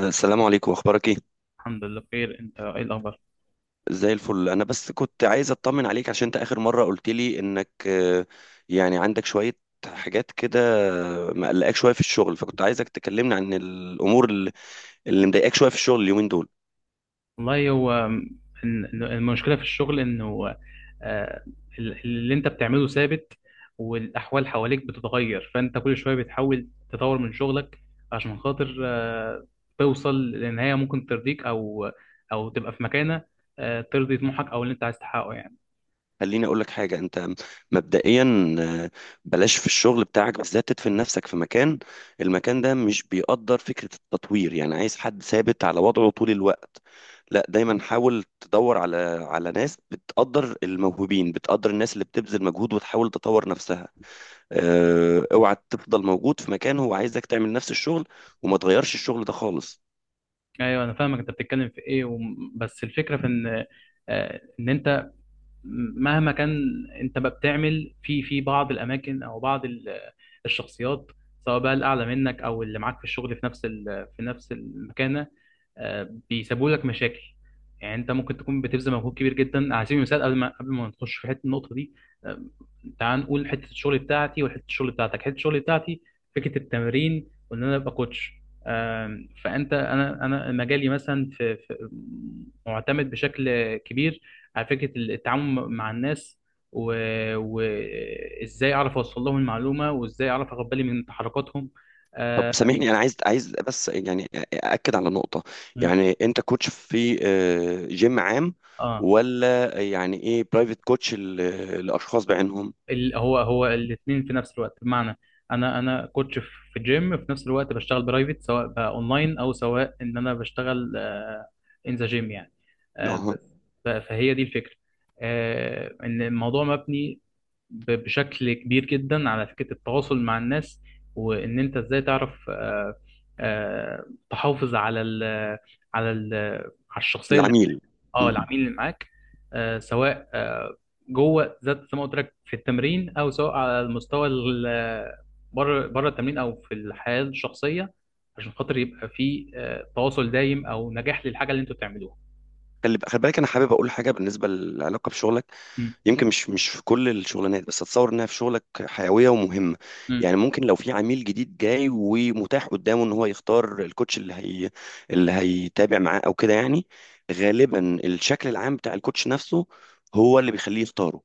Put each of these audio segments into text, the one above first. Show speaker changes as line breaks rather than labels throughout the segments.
السلام عليكم، اخبارك ايه؟
الحمد لله بخير. انت ايه الاخبار؟
زي الفل. انا بس كنت عايز اطمن عليك عشان انت اخر مره قلت لي انك يعني عندك شويه حاجات كده مقلقاك شويه في الشغل، فكنت عايزك تكلمني عن الامور اللي مضايقاك شويه في الشغل اليومين دول.
والله هو إن المشكله في الشغل انه آه، اللي انت بتعمله ثابت، والاحوال حواليك بتتغير، فانت كل شويه بتحاول تطور من شغلك عشان خاطر توصل لنهايه ممكن ترضيك، او تبقى في مكانه، ترضي طموحك او اللي انت عايز تحققه يعني.
خليني اقول لك حاجه. انت مبدئيا بلاش في الشغل بتاعك بالذات تدفن نفسك في مكان. المكان ده مش بيقدر فكره التطوير، يعني عايز حد ثابت على وضعه طول الوقت. لا، دايما حاول تدور على ناس بتقدر الموهوبين، بتقدر الناس اللي بتبذل مجهود وتحاول تطور نفسها. اوعى تفضل موجود في مكان هو عايزك تعمل نفس الشغل وما تغيرش الشغل ده خالص.
ايوه انا فاهمك، انت بتتكلم في ايه بس الفكره في ان ان انت مهما كان، انت بقى بتعمل في بعض الاماكن او بعض الشخصيات، سواء بقى الاعلى منك او اللي معاك في الشغل في نفس المكانه بيسببوا لك مشاكل. يعني انت ممكن تكون بتبذل مجهود كبير جدا، على سبيل المثال، قبل ما نخش في حته النقطه دي آه، تعال نقول حته الشغل بتاعتي وحته الشغل بتاعتك، حته الشغل بتاعتي فكره التمرين، وان انا ابقى كوتش. فانت انا مجالي مثلا معتمد بشكل كبير على فكرة التعامل مع الناس، وإزاي و... وإزاي أعرف أوصل لهم المعلومة، وإزاي أعرف أخد بالي من تحركاتهم
طب
آه,
سامحني، انا عايز بس يعني اكد على نقطه. يعني انت كوتش في جيم عام،
آه.
ولا يعني ايه، برايفت كوتش للاشخاص بعينهم؟
هو الاتنين في نفس الوقت، بمعنى أنا كوتش في جيم، في نفس الوقت بشتغل برايفت، سواء بقى أونلاين أو سواء إن أنا بشتغل إن ذا جيم يعني. آه
اها.
ب... فهي دي الفكرة، آه إن الموضوع مبني بشكل كبير جدا على فكرة التواصل مع الناس، وإن أنت إزاي تعرف آه، تحافظ على ال على الشخصية اللي معاك.
العميل.
اه،
مم.
العميل اللي معاك سواء جوه ذات زي ما قلت لك في التمرين، أو سواء على بره التمرين أو في الحياة الشخصية، عشان خاطر يبقى في تواصل دايم أو نجاح للحاجة اللي أنتوا بتعملوها.
خلي بالك، انا حابب اقول حاجه بالنسبه للعلاقه بشغلك.
م-
يمكن مش في كل الشغلانات، بس اتصور انها في شغلك حيويه ومهمه.
م.
يعني ممكن لو في عميل جديد جاي ومتاح قدامه ان هو يختار الكوتش، اللي هيتابع معاه او كده يعني. غالبا الشكل العام بتاع الكوتش نفسه هو اللي بيخليه يختاره.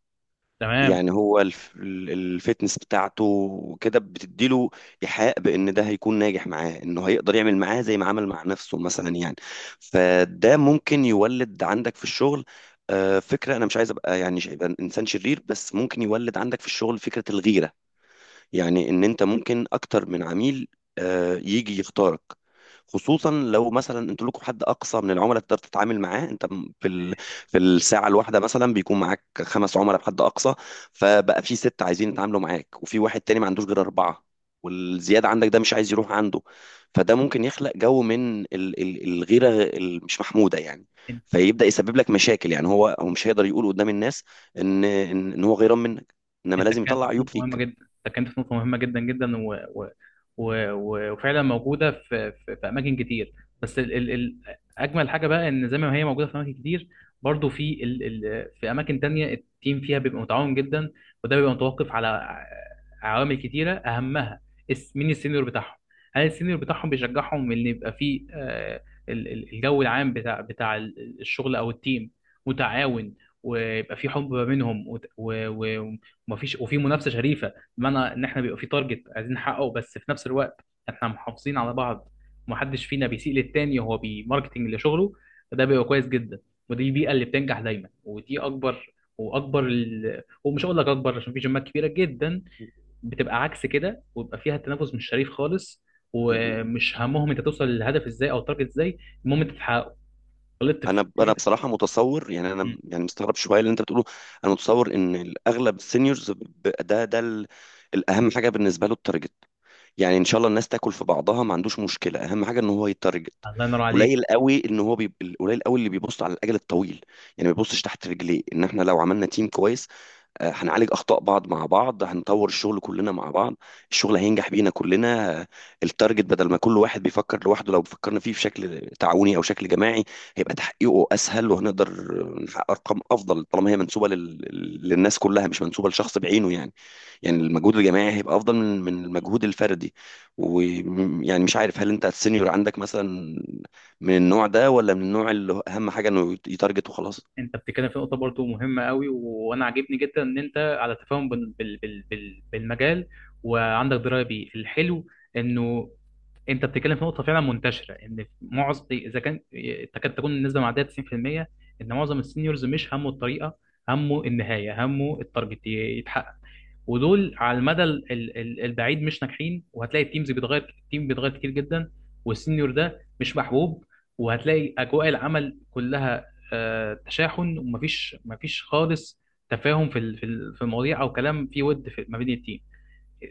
تمام.
يعني هو الفتنس بتاعته، وكده بتديله إيحاء بإن ده هيكون ناجح معاه، إنه هيقدر يعمل معاه زي ما عمل مع نفسه مثلا يعني. فده ممكن يولد عندك في الشغل فكرة. أنا مش عايز أبقى يعني أبقى إنسان شرير، بس ممكن يولد عندك في الشغل فكرة الغيرة. يعني ان انت ممكن اكتر من عميل يجي يختارك. خصوصا لو مثلا انتوا لكم حد اقصى من العملاء تقدر تتعامل معاه انت، في الساعه الواحده مثلا بيكون معاك خمس عملاء بحد اقصى. فبقى في ست عايزين يتعاملوا معاك، وفي واحد تاني ما عندوش غير اربعه، والزياده عندك ده مش عايز يروح عنده. فده ممكن يخلق جو من الغيره، مش محموده يعني. فيبدا يسبب لك مشاكل. يعني هو مش هيقدر يقول قدام الناس ان ان إن هو غيران منك، انما
انت
لازم
اتكلمت
يطلع
في
عيوب
نقطه مهمه
فيك.
جدا، اتكلمت في نقطه مهمه جدا جدا وفعلا موجوده في اماكن كتير، بس اجمل حاجه بقى ان زي ما هي موجوده في اماكن كتير، برضو في اماكن تانية التيم فيها بيبقى متعاون جدا، وده بيبقى متوقف على عوامل كتيره، اهمها مين السينيور بتاعهم. هل السينيور بتاعهم بيشجعهم ان يبقى في الجو العام بتاع الشغل او التيم متعاون، ويبقى في حب ما بينهم، وفي منافسه شريفه، بمعنى ان احنا بيبقى في تارجت عايزين نحققه، بس في نفس الوقت احنا محافظين على بعض، ومحدش فينا بيسيء للتاني وهو بيماركتنج لشغله، فده بيبقى كويس جدا. ودي البيئه اللي بتنجح دايما، ودي اكبر واكبر ومش هقول لك اكبر، عشان في جيمات كبيره جدا بتبقى عكس كده، ويبقى فيها التنافس مش شريف خالص، ومش همهم انت توصل للهدف ازاي او التارجت ازاي، المهم انت تحققه. غلطت في
انا
التيمين.
بصراحه متصور، يعني انا، يعني مستغرب شويه اللي انت بتقوله. انا متصور ان الاغلب السينيورز، الاهم حاجه بالنسبه له التارجت. يعني ان شاء الله الناس تاكل في بعضها، ما عندوش مشكله، اهم حاجه ان هو يتارجت.
الله ينور عليك.
قليل قوي ان هو بيب... قليل قوي اللي بيبص على الاجل الطويل، يعني ما بيبصش تحت رجليه. ان احنا لو عملنا تيم كويس، هنعالج اخطاء بعض مع بعض، هنطور الشغل كلنا مع بعض، الشغل هينجح بينا كلنا. التارجت، بدل ما كل واحد بيفكر لوحده، لو فكرنا فيه بشكل تعاوني او شكل جماعي هيبقى تحقيقه اسهل، وهنقدر نحقق ارقام افضل طالما هي منسوبه للناس كلها، مش منسوبه لشخص بعينه يعني المجهود الجماعي هيبقى افضل من المجهود الفردي. ويعني مش عارف، هل انت السينيور عندك مثلا من النوع ده، ولا من النوع اللي اهم حاجه انه يتارجت وخلاص؟
انت بتتكلم في نقطه برضو مهمه قوي، وانا عاجبني جدا ان انت على تفاهم بالمجال، وعندك درايه بيه. الحلو انه انت بتتكلم في نقطه فعلا منتشره، ان معظم، اذا كان، تكاد تكون النسبه معديه 90%، ان معظم السينيورز مش همه الطريقه، همه النهايه، همه التارجت يتحقق، ودول على المدى البعيد مش ناجحين، وهتلاقي التيمز بيتغير، التيم بيتغير كتير جدا، والسينيور ده مش محبوب، وهتلاقي اجواء العمل كلها تشاحن، ومفيش خالص تفاهم في المواضيع، او كلام فيه ود في ما بين التيم،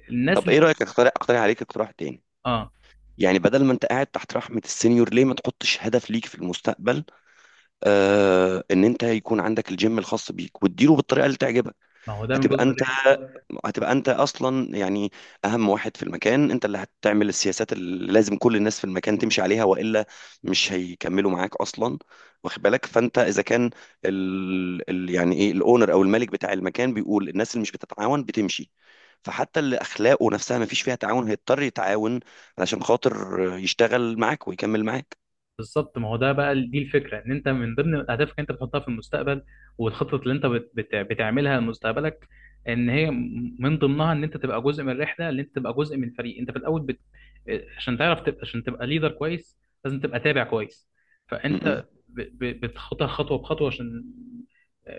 الناس
طب
اللي.
ايه رايك، اقترح عليك اقتراح تاني.
اه،
يعني بدل ما انت قاعد تحت رحمة السينيور، ليه ما تحطش هدف ليك في المستقبل؟ ان انت يكون عندك الجيم الخاص بيك وتديره بالطريقة اللي تعجبك.
ما هو ده من
هتبقى
جزء من.
انت هتبقى انت اصلا يعني اهم واحد في المكان. انت اللي هتعمل السياسات اللي لازم كل الناس في المكان تمشي عليها، والا مش هيكملوا معاك اصلا. واخد بالك؟ فانت اذا كان يعني ايه الاونر او الملك بتاع المكان بيقول الناس اللي مش بتتعاون بتمشي، فحتى اللي اخلاقه نفسها ما فيش فيها تعاون هيضطر يتعاون علشان خاطر يشتغل معاك ويكمل معاك.
بالظبط، ما هو ده بقى دي الفكره، ان انت من ضمن اهدافك انت بتحطها في المستقبل، والخطط اللي انت بتعملها لمستقبلك، ان هي من ضمنها ان انت تبقى جزء من الرحله، ان انت تبقى جزء من فريق، انت في الاول عشان تعرف تبقى، عشان تبقى ليدر كويس لازم تبقى تابع كويس،
م-
فانت بتخطها خطوه بخطوه، عشان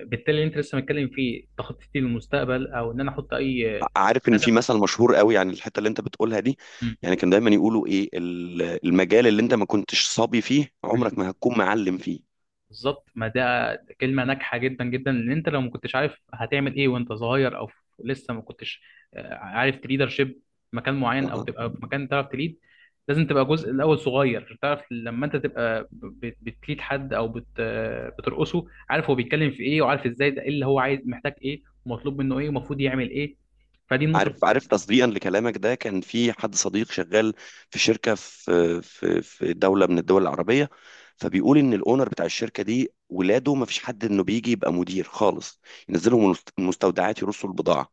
بالتالي اللي انت لسه متكلم فيه تخطيطي للمستقبل، او ان انا احط اي
عارف ان
هدف.
في مثل مشهور قوي، يعني الحته اللي انت بتقولها دي، يعني كان دايما يقولوا ايه، المجال اللي انت ما كنتش صبي فيه
م-
عمرك ما هتكون معلم فيه.
بالظبط، ما ده كلمة ناجحة جدا جدا، ان انت لو ما كنتش عارف هتعمل ايه وانت صغير، او لسه ما كنتش عارف تليدر شيب مكان معين، او تبقى في مكان تعرف تليد، لازم تبقى جزء الاول صغير، عشان تعرف لما انت تبقى بتليد حد، او بت آه، بترقصه، عارف هو بيتكلم في ايه، وعارف ازاي ده ايه اللي هو عايز، محتاج ايه، ومطلوب منه ايه، ومفروض يعمل ايه، فدي النقطة،
عارف عارف، تصديقا لكلامك ده، كان في حد صديق شغال في شركه في دوله من الدول العربيه. فبيقول ان الاونر بتاع الشركه دي ولاده ما فيش حد انه بيجي يبقى مدير خالص. ينزلهم المستودعات، يرصوا البضاعه،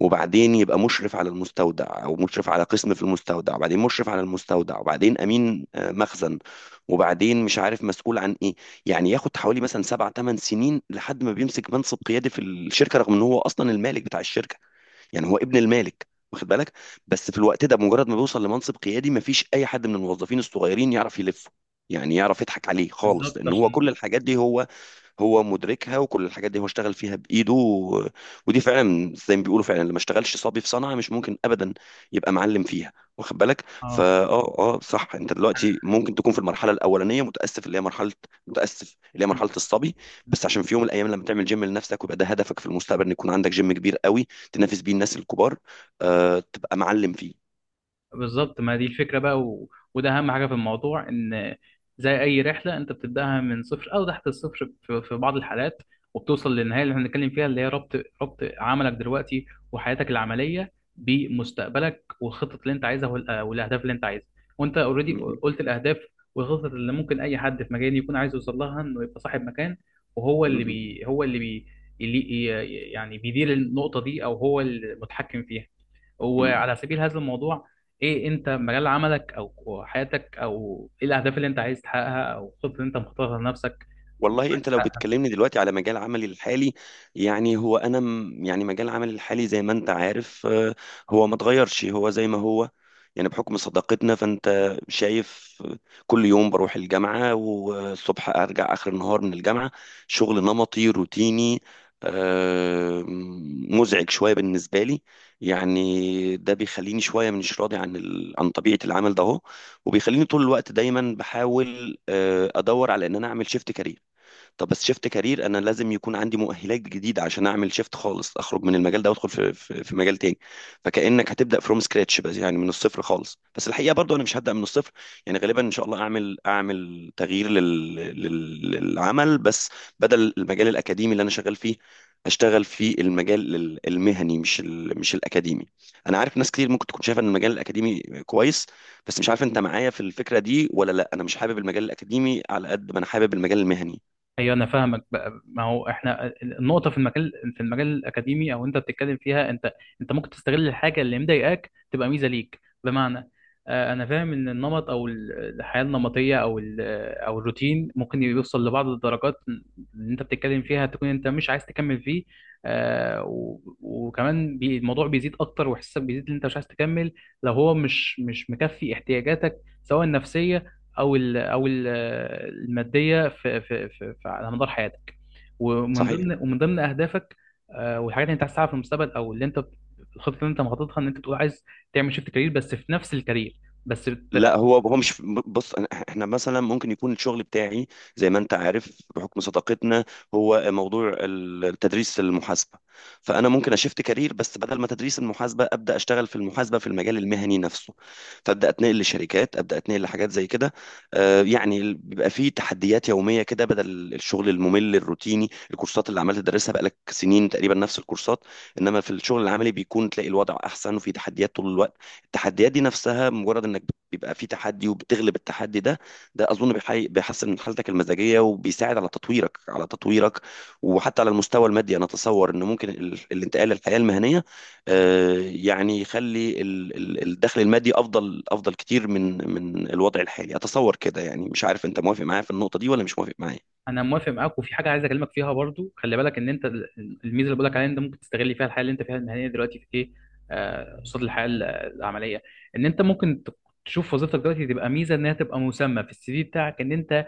وبعدين يبقى مشرف على المستودع، او مشرف على قسم في المستودع، وبعدين مشرف على المستودع، وبعدين امين مخزن، وبعدين مش عارف مسؤول عن ايه. يعني ياخد حوالي مثلا سبع ثمان سنين لحد ما بيمسك منصب قيادي في الشركه، رغم ان هو اصلا المالك بتاع الشركه. يعني هو ابن المالك، واخد بالك؟ بس في الوقت ده مجرد ما بيوصل لمنصب قيادي، مفيش اي حد من الموظفين الصغيرين يعرف يلفه. يعني يعرف يضحك عليه خالص،
بالظبط
لان هو
عشان.
كل الحاجات دي هو مدركها، وكل الحاجات دي هو اشتغل فيها بايده. و... ودي فعلا زي ما بيقولوا، فعلا، اللي ما اشتغلش صبي في صنعه مش ممكن ابدا يبقى معلم فيها. واخد بالك؟ فا
اه،
صح. انت دلوقتي ممكن تكون في المرحله الاولانيه، متاسف اللي هي مرحله الصبي. بس عشان في يوم من الايام لما تعمل جيم لنفسك ويبقى ده هدفك في المستقبل، ان يكون عندك جيم كبير قوي تنافس بيه الناس الكبار، تبقى معلم فيه.
بالظبط، ما دي الفكرة بقى، وده أهم حاجة في الموضوع، إن زي أي رحلة أنت بتبدأها من صفر، أو تحت الصفر في بعض الحالات، وبتوصل للنهاية اللي احنا بنتكلم فيها، اللي هي ربط، ربط عملك دلوقتي وحياتك العملية بمستقبلك، والخطط اللي أنت عايزها والأهداف اللي أنت عايزها، وأنت أوريدي
م-
قلت الأهداف والخطط اللي ممكن أي حد في مجالي يكون عايز يوصل لها، إنه يبقى صاحب مكان، وهو
م-
اللي
م-
بي... هو اللي بي... اللي ي- يعني بيدير النقطة دي، أو هو المتحكم فيها،
م-
وعلى سبيل هذا الموضوع، ايه انت مجال عملك او حياتك، او ايه الاهداف اللي انت عايز تحققها، او الخطط اللي انت مختارها لنفسك،
والله انت
عايز
لو
تحققها.
بتكلمني دلوقتي على مجال عملي الحالي، يعني هو انا يعني مجال عملي الحالي زي ما انت عارف، هو ما اتغيرش، هو زي ما هو. يعني بحكم صداقتنا فانت شايف، كل يوم بروح الجامعة والصبح ارجع اخر النهار من الجامعة. شغل نمطي روتيني، مزعج شوية بالنسبة لي. يعني ده بيخليني شوية مش راضي عن عن طبيعة العمل ده اهو، وبيخليني طول الوقت دايما بحاول ادور على ان انا اعمل شيفت كارير. طب بس شيفت كارير انا لازم يكون عندي مؤهلات جديده عشان اعمل شيفت خالص، اخرج من المجال ده وادخل في مجال تاني. فكانك هتبدا فروم سكراتش، بس يعني من الصفر خالص. بس الحقيقه برضو انا مش هبدا من الصفر. يعني غالبا ان شاء الله اعمل تغيير للعمل. بس بدل المجال الاكاديمي اللي انا شغال فيه اشتغل في المجال المهني، مش مش الاكاديمي. انا عارف ناس كتير ممكن تكون شايفه ان المجال الاكاديمي كويس، بس مش عارف انت معايا في الفكره دي ولا لا. انا مش حابب المجال الاكاديمي على قد ما انا حابب المجال المهني.
ايوه انا فاهمك بقى، ما هو احنا النقطه في المجال الاكاديمي، او انت بتتكلم فيها، انت. انت ممكن تستغل الحاجه اللي مضايقاك تبقى ميزه ليك، بمعنى انا فاهم، ان النمط او الحياه النمطيه، او الروتين، ممكن يوصل لبعض الدرجات اللي انت بتتكلم فيها، تكون انت مش عايز تكمل فيه، وكمان الموضوع بيزيد اكتر، واحساسك بيزيد ان انت مش عايز تكمل، لو هو مش مكفي احتياجاتك، سواء النفسيه، او ال او ال الماديه على مدار حياتك،
صحيح.
ومن ضمن اهدافك، والحاجات اللي انت عايز تعملها في المستقبل، او اللي انت الخطه اللي انت مخططها، ان انت بتقول عايز تعمل شيفت كارير، بس في نفس الكارير بس
لا،
بت...
هو مش. بص، احنا مثلا ممكن يكون الشغل بتاعي، زي ما انت عارف بحكم صداقتنا، هو موضوع تدريس المحاسبه. فانا ممكن اشفت كارير، بس بدل ما تدريس المحاسبه ابدا اشتغل في المحاسبه في المجال المهني نفسه. فابدا اتنقل لشركات، ابدا اتنقل لحاجات زي كده. يعني بيبقى فيه تحديات يوميه كده بدل الشغل الممل الروتيني، الكورسات اللي عمال تدرسها بقالك سنين تقريبا نفس الكورسات. انما في الشغل العملي بيكون تلاقي الوضع احسن وفي تحديات طول الوقت. التحديات دي نفسها، مجرد انك بيبقى في تحدي وبتغلب التحدي ده، ده اظن بيحسن من حالتك المزاجيه، وبيساعد على تطويرك. وحتى على المستوى المادي انا اتصور ان ممكن الانتقال للحياه المهنيه، يعني يخلي الدخل المادي افضل كتير من الوضع الحالي، اتصور كده. يعني مش عارف انت موافق معايا في النقطه دي ولا مش موافق معايا.
انا موافق معاك، وفي حاجه عايز اكلمك فيها برضو، خلي بالك ان انت الميزه اللي بقول لك عليها، ان انت ممكن تستغل فيها الحياه اللي انت فيها المهنيه دلوقتي في ايه، قصاد الحياه العمليه، ان انت ممكن تشوف وظيفتك دلوقتي تبقى ميزه، انها تبقى مسمى في السي في بتاعك، ان انت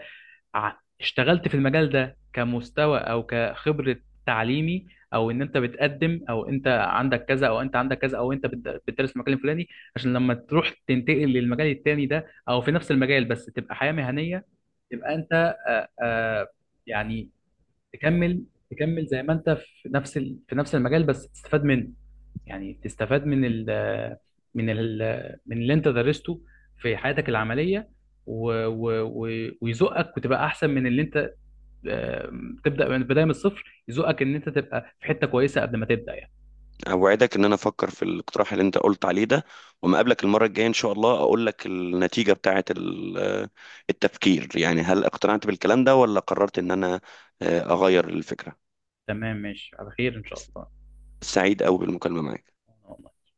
ع- اشتغلت في المجال ده كمستوى او كخبرة تعليمي، او ان انت بتقدم، او انت عندك كذا، او انت عندك كذا، او انت بتدرس في المجال الفلاني، عشان لما تروح تنتقل للمجال التاني ده، او في نفس المجال بس تبقى حياة مهنية، تبقى انت آه، آه، يعني تكمل تكمل زي ما انت في في نفس المجال بس تستفاد منه، يعني تستفاد من ال من اللي انت درسته في حياتك العمليه، و و و ويزقك وتبقى احسن من اللي انت تبدا من بدايه من الصفر، يزقك ان انت تبقى في حته كويسه قبل ما تبدا يعني.
اوعدك ان انا افكر في الاقتراح اللي انت قلت عليه ده، وما اقابلك المره الجايه ان شاء الله اقول لك النتيجه بتاعه التفكير. يعني هل اقتنعت بالكلام ده، ولا قررت ان انا اغير الفكره.
تمام، ماشي على خير ان شاء
سعيد قوي بالمكالمه معاك.
الله.